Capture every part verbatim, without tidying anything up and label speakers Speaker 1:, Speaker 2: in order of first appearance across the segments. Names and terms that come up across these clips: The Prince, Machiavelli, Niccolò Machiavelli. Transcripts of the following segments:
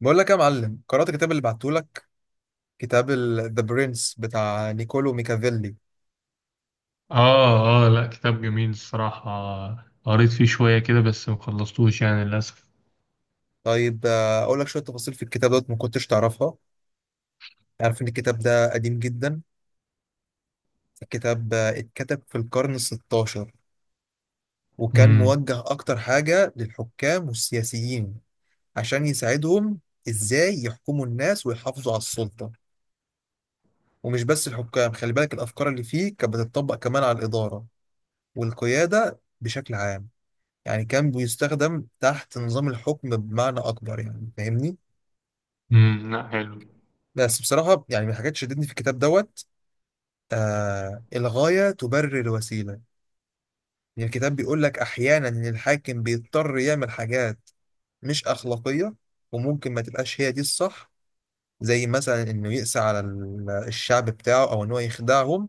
Speaker 1: بقول لك يا معلم، قرأت الكتاب اللي بعتهولك، كتاب ذا برنس بتاع نيكولو ميكافيلي.
Speaker 2: اه اه، لا، كتاب جميل الصراحة. قريت فيه شوية كده بس مخلصتوش يعني للأسف.
Speaker 1: طيب آه، اقول لك شويه تفاصيل في الكتاب دوت ما كنتش تعرفها. عارف ان الكتاب ده قديم جدا، الكتاب آه، اتكتب في القرن ستاشر، وكان
Speaker 2: امم
Speaker 1: موجه اكتر حاجه للحكام والسياسيين عشان يساعدهم ازاي يحكموا الناس ويحافظوا على السلطه. ومش بس الحكام، خلي بالك الافكار اللي فيه كانت بتطبق كمان على الاداره والقياده بشكل عام. يعني كان بيستخدم تحت نظام الحكم بمعنى أكبر، يعني فاهمني؟
Speaker 2: امم لا حلو.
Speaker 1: بس بصراحة يعني من الحاجات اللي شدتني في الكتاب دوت، آه، الغاية تبرر الوسيلة. يعني الكتاب بيقول لك أحيانا إن الحاكم بيضطر يعمل حاجات مش أخلاقية، وممكن ما تبقاش هي دي الصح، زي مثلا إنه يقسى على ال- الشعب بتاعه، أو إن هو يخدعهم،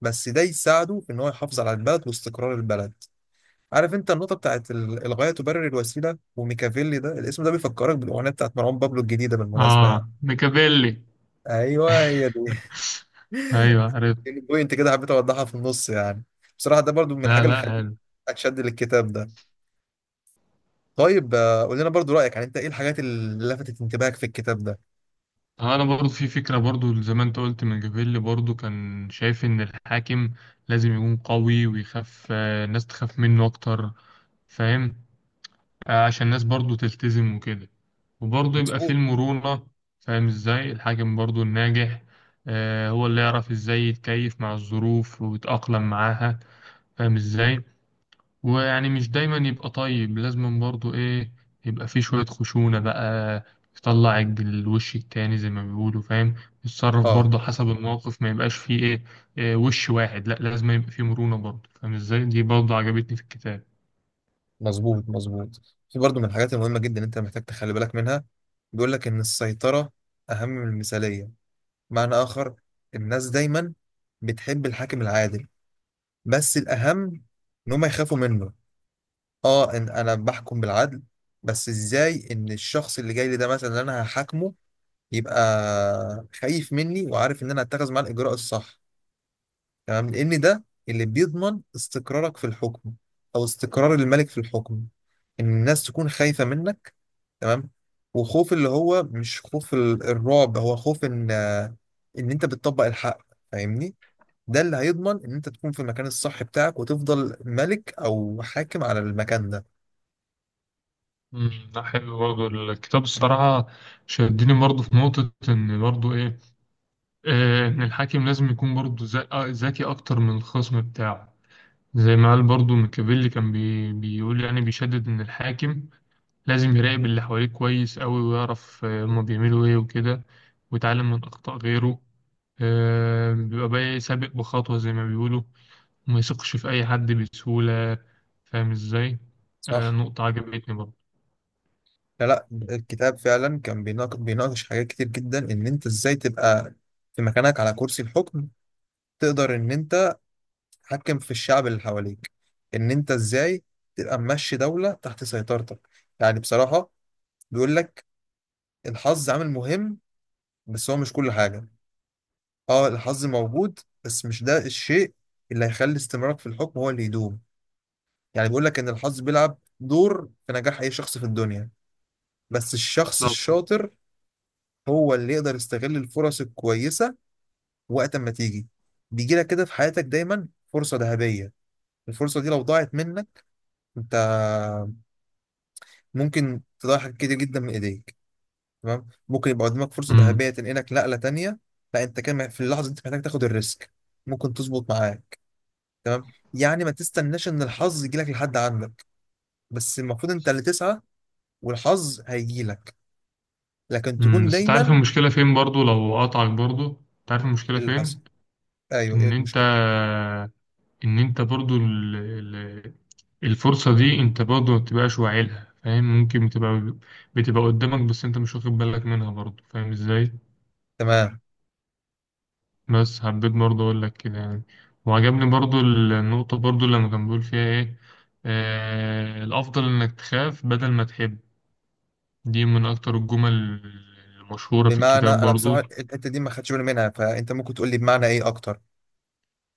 Speaker 1: بس ده يساعده في إن هو يحافظ على البلد واستقرار البلد. عارف انت النقطة بتاعت ال- الغاية تبرر الوسيلة، وميكافيلي ده، الاسم ده بيفكرك بالأغنية بتاعت مروان بابلو الجديدة بالمناسبة يعني.
Speaker 2: اه، ميكافيلي.
Speaker 1: ايوه، هي دي.
Speaker 2: ايوه، عرفت.
Speaker 1: البوينت كده حبيت اوضحها في النص يعني. بصراحة ده برضو من الحاجة
Speaker 2: لا
Speaker 1: اللي
Speaker 2: لا،
Speaker 1: خلتني
Speaker 2: حلو.
Speaker 1: اتشد للكتاب ده. طيب آه، قول لنا برضو رأيك، يعني انت ايه الحاجات اللي لفتت انتباهك في الكتاب ده؟
Speaker 2: آه، انا برضو في فكرة برضو زي ما انت قلت. ميكافيلي برضو كان شايف ان الحاكم لازم يكون قوي ويخاف، آه، الناس تخاف منه اكتر. فاهم. آه، عشان الناس برضو تلتزم وكده، وبرضو يبقى فيه
Speaker 1: مظبوط.
Speaker 2: المرونة. فاهم ازاي الحاكم برضو الناجح، آه، هو اللي يعرف ازاي يتكيف مع الظروف ويتأقلم معاها. فاهم ازاي. ويعني مش دايما يبقى طيب، لازم برضو ايه، يبقى فيه شوية خشونة بقى. يطلع الج- الوش التاني زي ما بيقولوا. فاهم. يتصرف
Speaker 1: اه،
Speaker 2: برضه حسب الموقف، ما يبقاش فيه ايه، آه، وش واحد، لا لازم يبقى فيه مرونة برضه. فاهم ازاي، دي برضه عجبتني في الكتاب.
Speaker 1: مظبوط مظبوط. في برضو من الحاجات المهمة جدا انت محتاج تخلي بالك منها، بيقول لك ان السيطرة اهم من المثالية. معنى اخر، الناس دايما بتحب الحاكم العادل، بس الأهم إن هما يخافوا منه. اه، إن أنا بحكم بالعدل، بس إزاي إن الشخص اللي جاي لي ده مثلا، اللي أنا هحاكمه، يبقى خايف مني، وعارف إن أنا هتخذ معاه الإجراء الصح. تمام، لأن ده اللي بيضمن استقرارك في الحكم، أو استقرار الملك في الحكم، إن الناس تكون خايفة منك. تمام. وخوف اللي هو مش خوف ال- الرعب، هو خوف إن إن أنت بتطبق الحق، فاهمني؟ ده اللي هيضمن ان انت تكون في المكان الصح بتاعك، وتفضل ملك او حاكم على المكان ده.
Speaker 2: امم، لا حلو برضه الكتاب الصراحة. شدني برضه في نقطة إن برضه إيه، آه، إن الحاكم لازم يكون برضه ذا- آه، ذكي أكتر من الخصم بتاعه. زي ما قال برضه ميكافيلي، كان بي بيقول يعني بيشدد إن الحاكم لازم يراقب اللي حواليه كويس أوي ويعرف، آه، هما بيعملوا إيه وكده، ويتعلم من أخطاء غيره. آه، بيبقى بقى إيه، سابق بخطوة زي ما بيقولوا، وما يثقش في أي حد بسهولة. فاهم إزاي. آه،
Speaker 1: صح.
Speaker 2: نقطة عجبتني برضه.
Speaker 1: لا لا، الكتاب فعلا كان بيناقش, بيناقش حاجات كتير جدا، ان انت ازاي تبقى في مكانك على كرسي الحكم، تقدر ان انت تحكم في الشعب اللي حواليك، ان انت ازاي تبقى ماشي دولة تحت سيطرتك. يعني بصراحة بيقول لك الحظ عامل مهم، بس هو مش كل حاجة. اه، الحظ موجود، بس مش ده الشيء اللي هيخلي استمرارك في الحكم هو اللي يدوم. يعني بيقول لك إن الحظ بيلعب دور في نجاح أي شخص في الدنيا، بس الشخص
Speaker 2: بالظبط.
Speaker 1: الشاطر هو اللي يقدر يستغل الفرص الكويسة وقت ما تيجي. بيجي لك كده في حياتك دايما فرصة ذهبية، الفرصة دي لو ضاعت منك، أنت ممكن تضيع حاجات كتير جدا من إيديك. تمام، ممكن يبقى قدامك فرصة
Speaker 2: مم.
Speaker 1: ذهبية تنقلك نقلة تانية. لا، أنت كان مح- في اللحظة دي أنت محتاج تاخد الريسك، ممكن تظبط معاك. تمام. يعني ما تستناش إن الحظ يجيلك لحد عندك، بس المفروض أنت اللي تسعى والحظ هيجيلك، لكن
Speaker 2: مم،
Speaker 1: تكون
Speaker 2: بس تعرف
Speaker 1: دايما.
Speaker 2: المشكلة فين برضو لو قطعك برضو؟ تعرف المشكلة
Speaker 1: اللي
Speaker 2: فين؟
Speaker 1: حصل، ايوه، ايه
Speaker 2: ان انت،
Speaker 1: المشكله؟
Speaker 2: ان انت برضو ال... ال... الفرصة دي انت برضو ما بتبقاش واعي لها. فاهم؟ ممكن بتبقى بتبقى قدامك بس انت مش واخد بالك منها برضو. فاهم ازاي.
Speaker 1: تمام.
Speaker 2: بس حبيت برضو اقول لك كده يعني. وعجبني برضو النقطة برضو لما كان بيقول فيها ايه، آه... الافضل انك تخاف بدل ما تحب. دي من اكتر الجمل المشهورة في
Speaker 1: بمعنى،
Speaker 2: الكتاب
Speaker 1: انا بصراحه
Speaker 2: برضو.
Speaker 1: الحته دي ما خدتش بالي منها، فانت ممكن تقول لي بمعنى ايه اكتر؟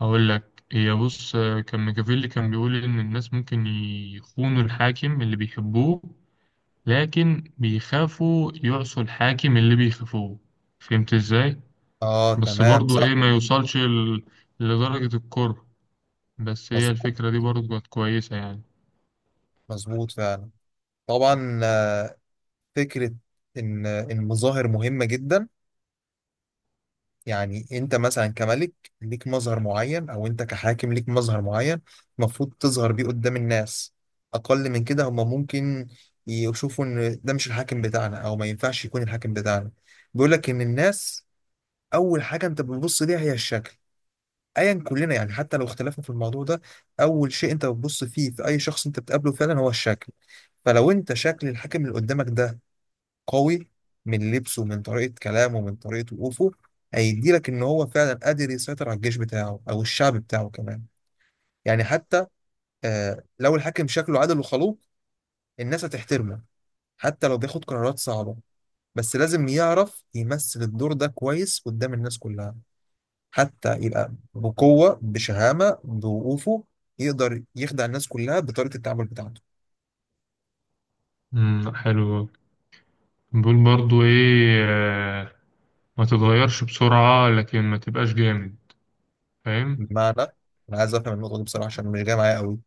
Speaker 2: هقول لك، هي بص، كان ميكافيلي كان بيقول إن الناس ممكن يخونوا الحاكم اللي بيحبوه، لكن بيخافوا يعصوا الحاكم اللي بيخافوه. فهمت إزاي؟
Speaker 1: اه،
Speaker 2: بس
Speaker 1: تمام
Speaker 2: برضو
Speaker 1: صح.
Speaker 2: إيه ما يوصلش ل- لدرجة الكره. بس هي
Speaker 1: مظبوط،
Speaker 2: الفكرة دي برضو كانت كويسة يعني.
Speaker 1: مظبوط فعلا. طبعا آه، فكره ان ان مظاهر مهمه جدا. يعني انت مثلا كملك ليك مظهر معين، او انت كحاكم ليك مظهر معين، المفروض تظهر بيه قدام الناس. اقل من كده هم ممكن يشوفوا ان ده مش الحاكم بتاعنا، او ما ينفعش يكون الحاكم بتاعنا. بيقول لك ان الناس اول حاجه انت بتبص ليها هي الشكل، ايا كلنا يعني حتى لو اختلفنا في الموضوع ده. اول شيء انت بتبص فيه في اي شخص انت بتقابله فعلا هو الشكل. فلو انت شكل الحاكم اللي قدامك ده قوي، من لبسه، من طريقه كلامه، من طريقه وقوفه، هيدي لك ان هو فعلا قادر يسيطر على الجيش بتاعه، او الشعب بتاعه كمان. يعني حتى آه، لو الحاكم شكله عادل وخلوق، الناس هتحترمه، حتى لو بياخد قرارات صعبه. بس لازم يعرف يمثل الدور ده كويس قدام الناس كلها، حتى يبقى بقوة، بشهامة، بوقوفه، يقدر يخدع الناس كلها بطريقة التعامل بتاعته.
Speaker 2: امم حلو. بيقول برضو إيه، آه، ما تتغيرش بسرعة لكن ما تبقاش جامد. فاهم؟
Speaker 1: بمعنى، أنا عايز أفهم النقطة دي بصراحة عشان مش جاية معايا قوي.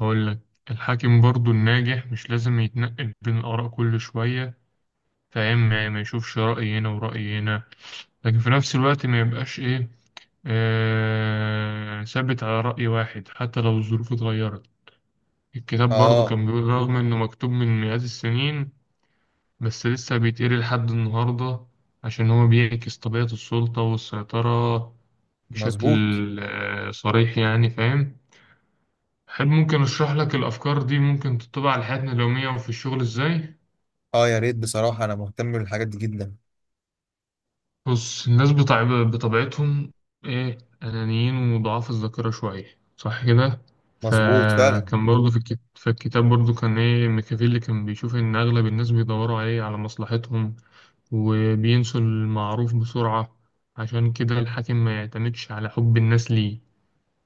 Speaker 2: هقول لك، الحاكم برضو الناجح مش لازم يتنقل بين الآراء كل شوية. فاهم، ما ما يشوفش رأي هنا ورأي هنا، لكن في نفس الوقت ما يبقاش إيه، آه ثابت على رأي واحد حتى لو الظروف اتغيرت. الكتاب برضو
Speaker 1: آه.
Speaker 2: كان بيقول رغم إنه مكتوب من مئات السنين بس لسه بيتقري لحد النهاردة، عشان هو بيعكس طبيعة السلطة والسيطرة بشكل
Speaker 1: مظبوط.
Speaker 2: آه صريح يعني. فاهم. أحب ممكن أشرح لك الأفكار دي ممكن تطبق على حياتنا اليومية وفي الشغل إزاي.
Speaker 1: آه يا ريت، بصراحة أنا مهتم بالحاجات دي جدا.
Speaker 2: بص، الناس بتاع بطبيعتهم ايه، انانيين وضعاف الذاكره شويه، صح كده؟
Speaker 1: مظبوط فعلا.
Speaker 2: فكان برضه في الكت... في الكتاب برضه كان ايه، ميكافيلي كان بيشوف ان اغلب الناس بيدوروا عليه على مصلحتهم وبينسوا المعروف بسرعه. عشان كده الحاكم ما يعتمدش على حب الناس ليه.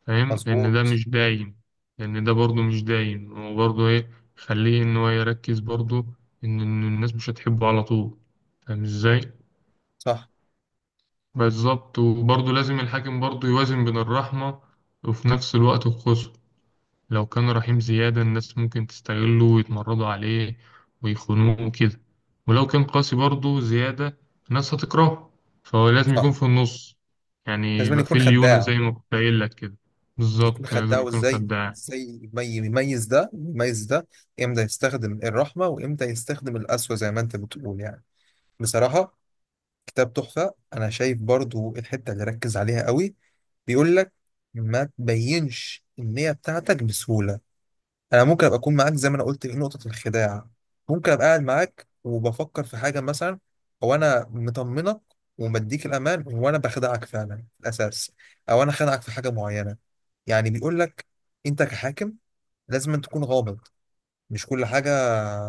Speaker 2: فاهم، لان ده
Speaker 1: مظبوط.
Speaker 2: مش دايم. لان ده برضه مش دايم، وبرضه ايه، خليه ان هو يركز برضه ان إن الناس مش هتحبه على طول. فاهم ازاي.
Speaker 1: صح.
Speaker 2: بالظبط، وبرضه لازم الحاكم برضه يوازن بين الرحمة وفي نفس الوقت القسوة. لو كان رحيم زيادة الناس ممكن تستغله ويتمردوا عليه ويخونوه وكده. ولو كان قاسي برضه زيادة، الناس هتكرهه. فهو لازم يكون
Speaker 1: صح.
Speaker 2: في النص، يعني
Speaker 1: لازم
Speaker 2: يبقى
Speaker 1: يكون
Speaker 2: في ليونة
Speaker 1: خداع.
Speaker 2: زي ما كنت قايل لك كده.
Speaker 1: بيكون
Speaker 2: بالظبط
Speaker 1: خداع،
Speaker 2: لازم يكون
Speaker 1: وإزاي
Speaker 2: خداع.
Speaker 1: إزاي يمي- يميز ده يميز ده، إمتى يستخدم الرحمة وإمتى يستخدم القسوة زي ما أنت بتقول يعني. بصراحة كتاب تحفة. أنا شايف برضو الحتة اللي ركز عليها قوي، بيقول لك ما تبينش النية بتاعتك بسهولة. أنا ممكن أبقى أكون معاك زي ما أنا قلت في نقطة الخداع، ممكن أبقى قاعد معاك وبفكر في حاجة مثلا، أو أنا مطمنك ومديك الأمان، وأنا بخدعك فعلا في الأساس، أو أنا خدعك في حاجة معينة. يعني بيقول لك أنت كحاكم لازم أن تكون غامض، مش كل حاجة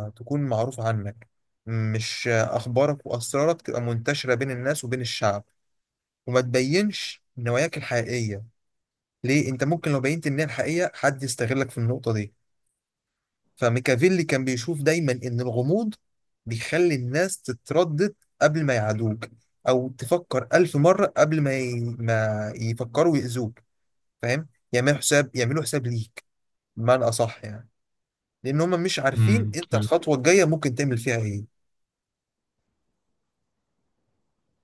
Speaker 1: تكون معروفة عنك، مش أخبارك وأسرارك تبقى منتشرة بين الناس وبين الشعب، وما تبينش نواياك الحقيقية. ليه؟ انت ممكن لو بينت ان هي الحقيقية، حد يستغلك في النقطة دي. فميكافيلي كان بيشوف دايما ان الغموض بيخلي الناس تتردد قبل ما يعادوك، او تفكر ألف مرة قبل ما ي... ما يفكروا يأذوك، فاهم؟ يعملوا حساب يعملوا حساب ليك، بمعنى اصح يعني، لان هم مش عارفين
Speaker 2: امم
Speaker 1: انت
Speaker 2: حلو.
Speaker 1: الخطوة الجاية ممكن تعمل فيها ايه.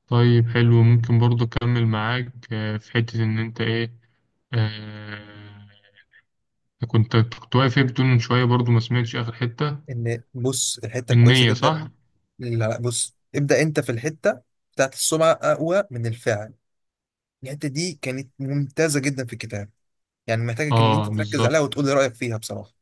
Speaker 2: طيب حلو، ممكن برضه أكمل معاك، آه، في حتة إن أنت إيه، آه، كنت كنت واقف إيه بتقول من شوية برضه ما سمعتش آخر حتة.
Speaker 1: ان بص، الحتة كويسة
Speaker 2: النية
Speaker 1: جدا.
Speaker 2: صح؟
Speaker 1: لا بص، ابدأ انت في الحتة بتاعت السمعة اقوى من الفعل. الحته دي كانت ممتازه جدا في الكتاب، يعني محتاجك ان انت
Speaker 2: اه،
Speaker 1: تركز
Speaker 2: بالظبط.
Speaker 1: عليها وتقول لي رايك فيها بصراحه.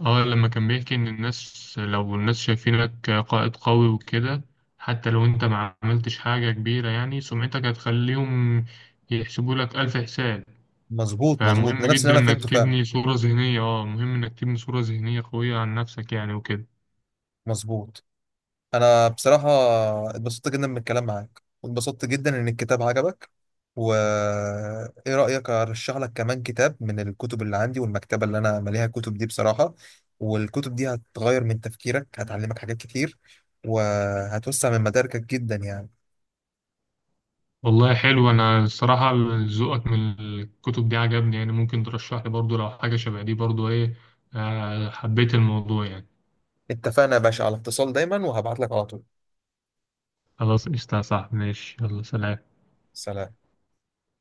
Speaker 2: اه لما كان بيحكي ان الناس، لو الناس شايفينك قائد قوي وكده، حتى لو انت ما عملتش حاجة كبيرة يعني سمعتك هتخليهم يحسبوا لك ألف حساب.
Speaker 1: مظبوط مظبوط، ده
Speaker 2: فمهم
Speaker 1: نفس
Speaker 2: جدا
Speaker 1: اللي انا فهمته
Speaker 2: انك
Speaker 1: فعلا.
Speaker 2: تبني صورة ذهنية، اه مهم انك تبني صورة ذهنية قوية عن نفسك يعني وكده.
Speaker 1: مظبوط. انا بصراحه اتبسطت جدا من الكلام معاك، واتبسطت جدا ان الكتاب عجبك. وايه رايك ارشح لك كمان كتاب من الكتب اللي عندي والمكتبه اللي انا مليها كتب دي بصراحه؟ والكتب دي هتغير من تفكيرك، هتعلمك حاجات كتير، وهتوسع من مداركك جدا يعني.
Speaker 2: والله حلو، انا الصراحة ذوقك من الكتب دي عجبني يعني، ممكن ترشح لي برضو لو حاجة شبه دي برضو ايه، آه حبيت الموضوع يعني.
Speaker 1: اتفقنا يا باشا، على اتصال دايما، وهبعت لك على طول.
Speaker 2: خلاص، قشطة يا صاحبي، ماشي، يلا سلام.
Speaker 1: سلام.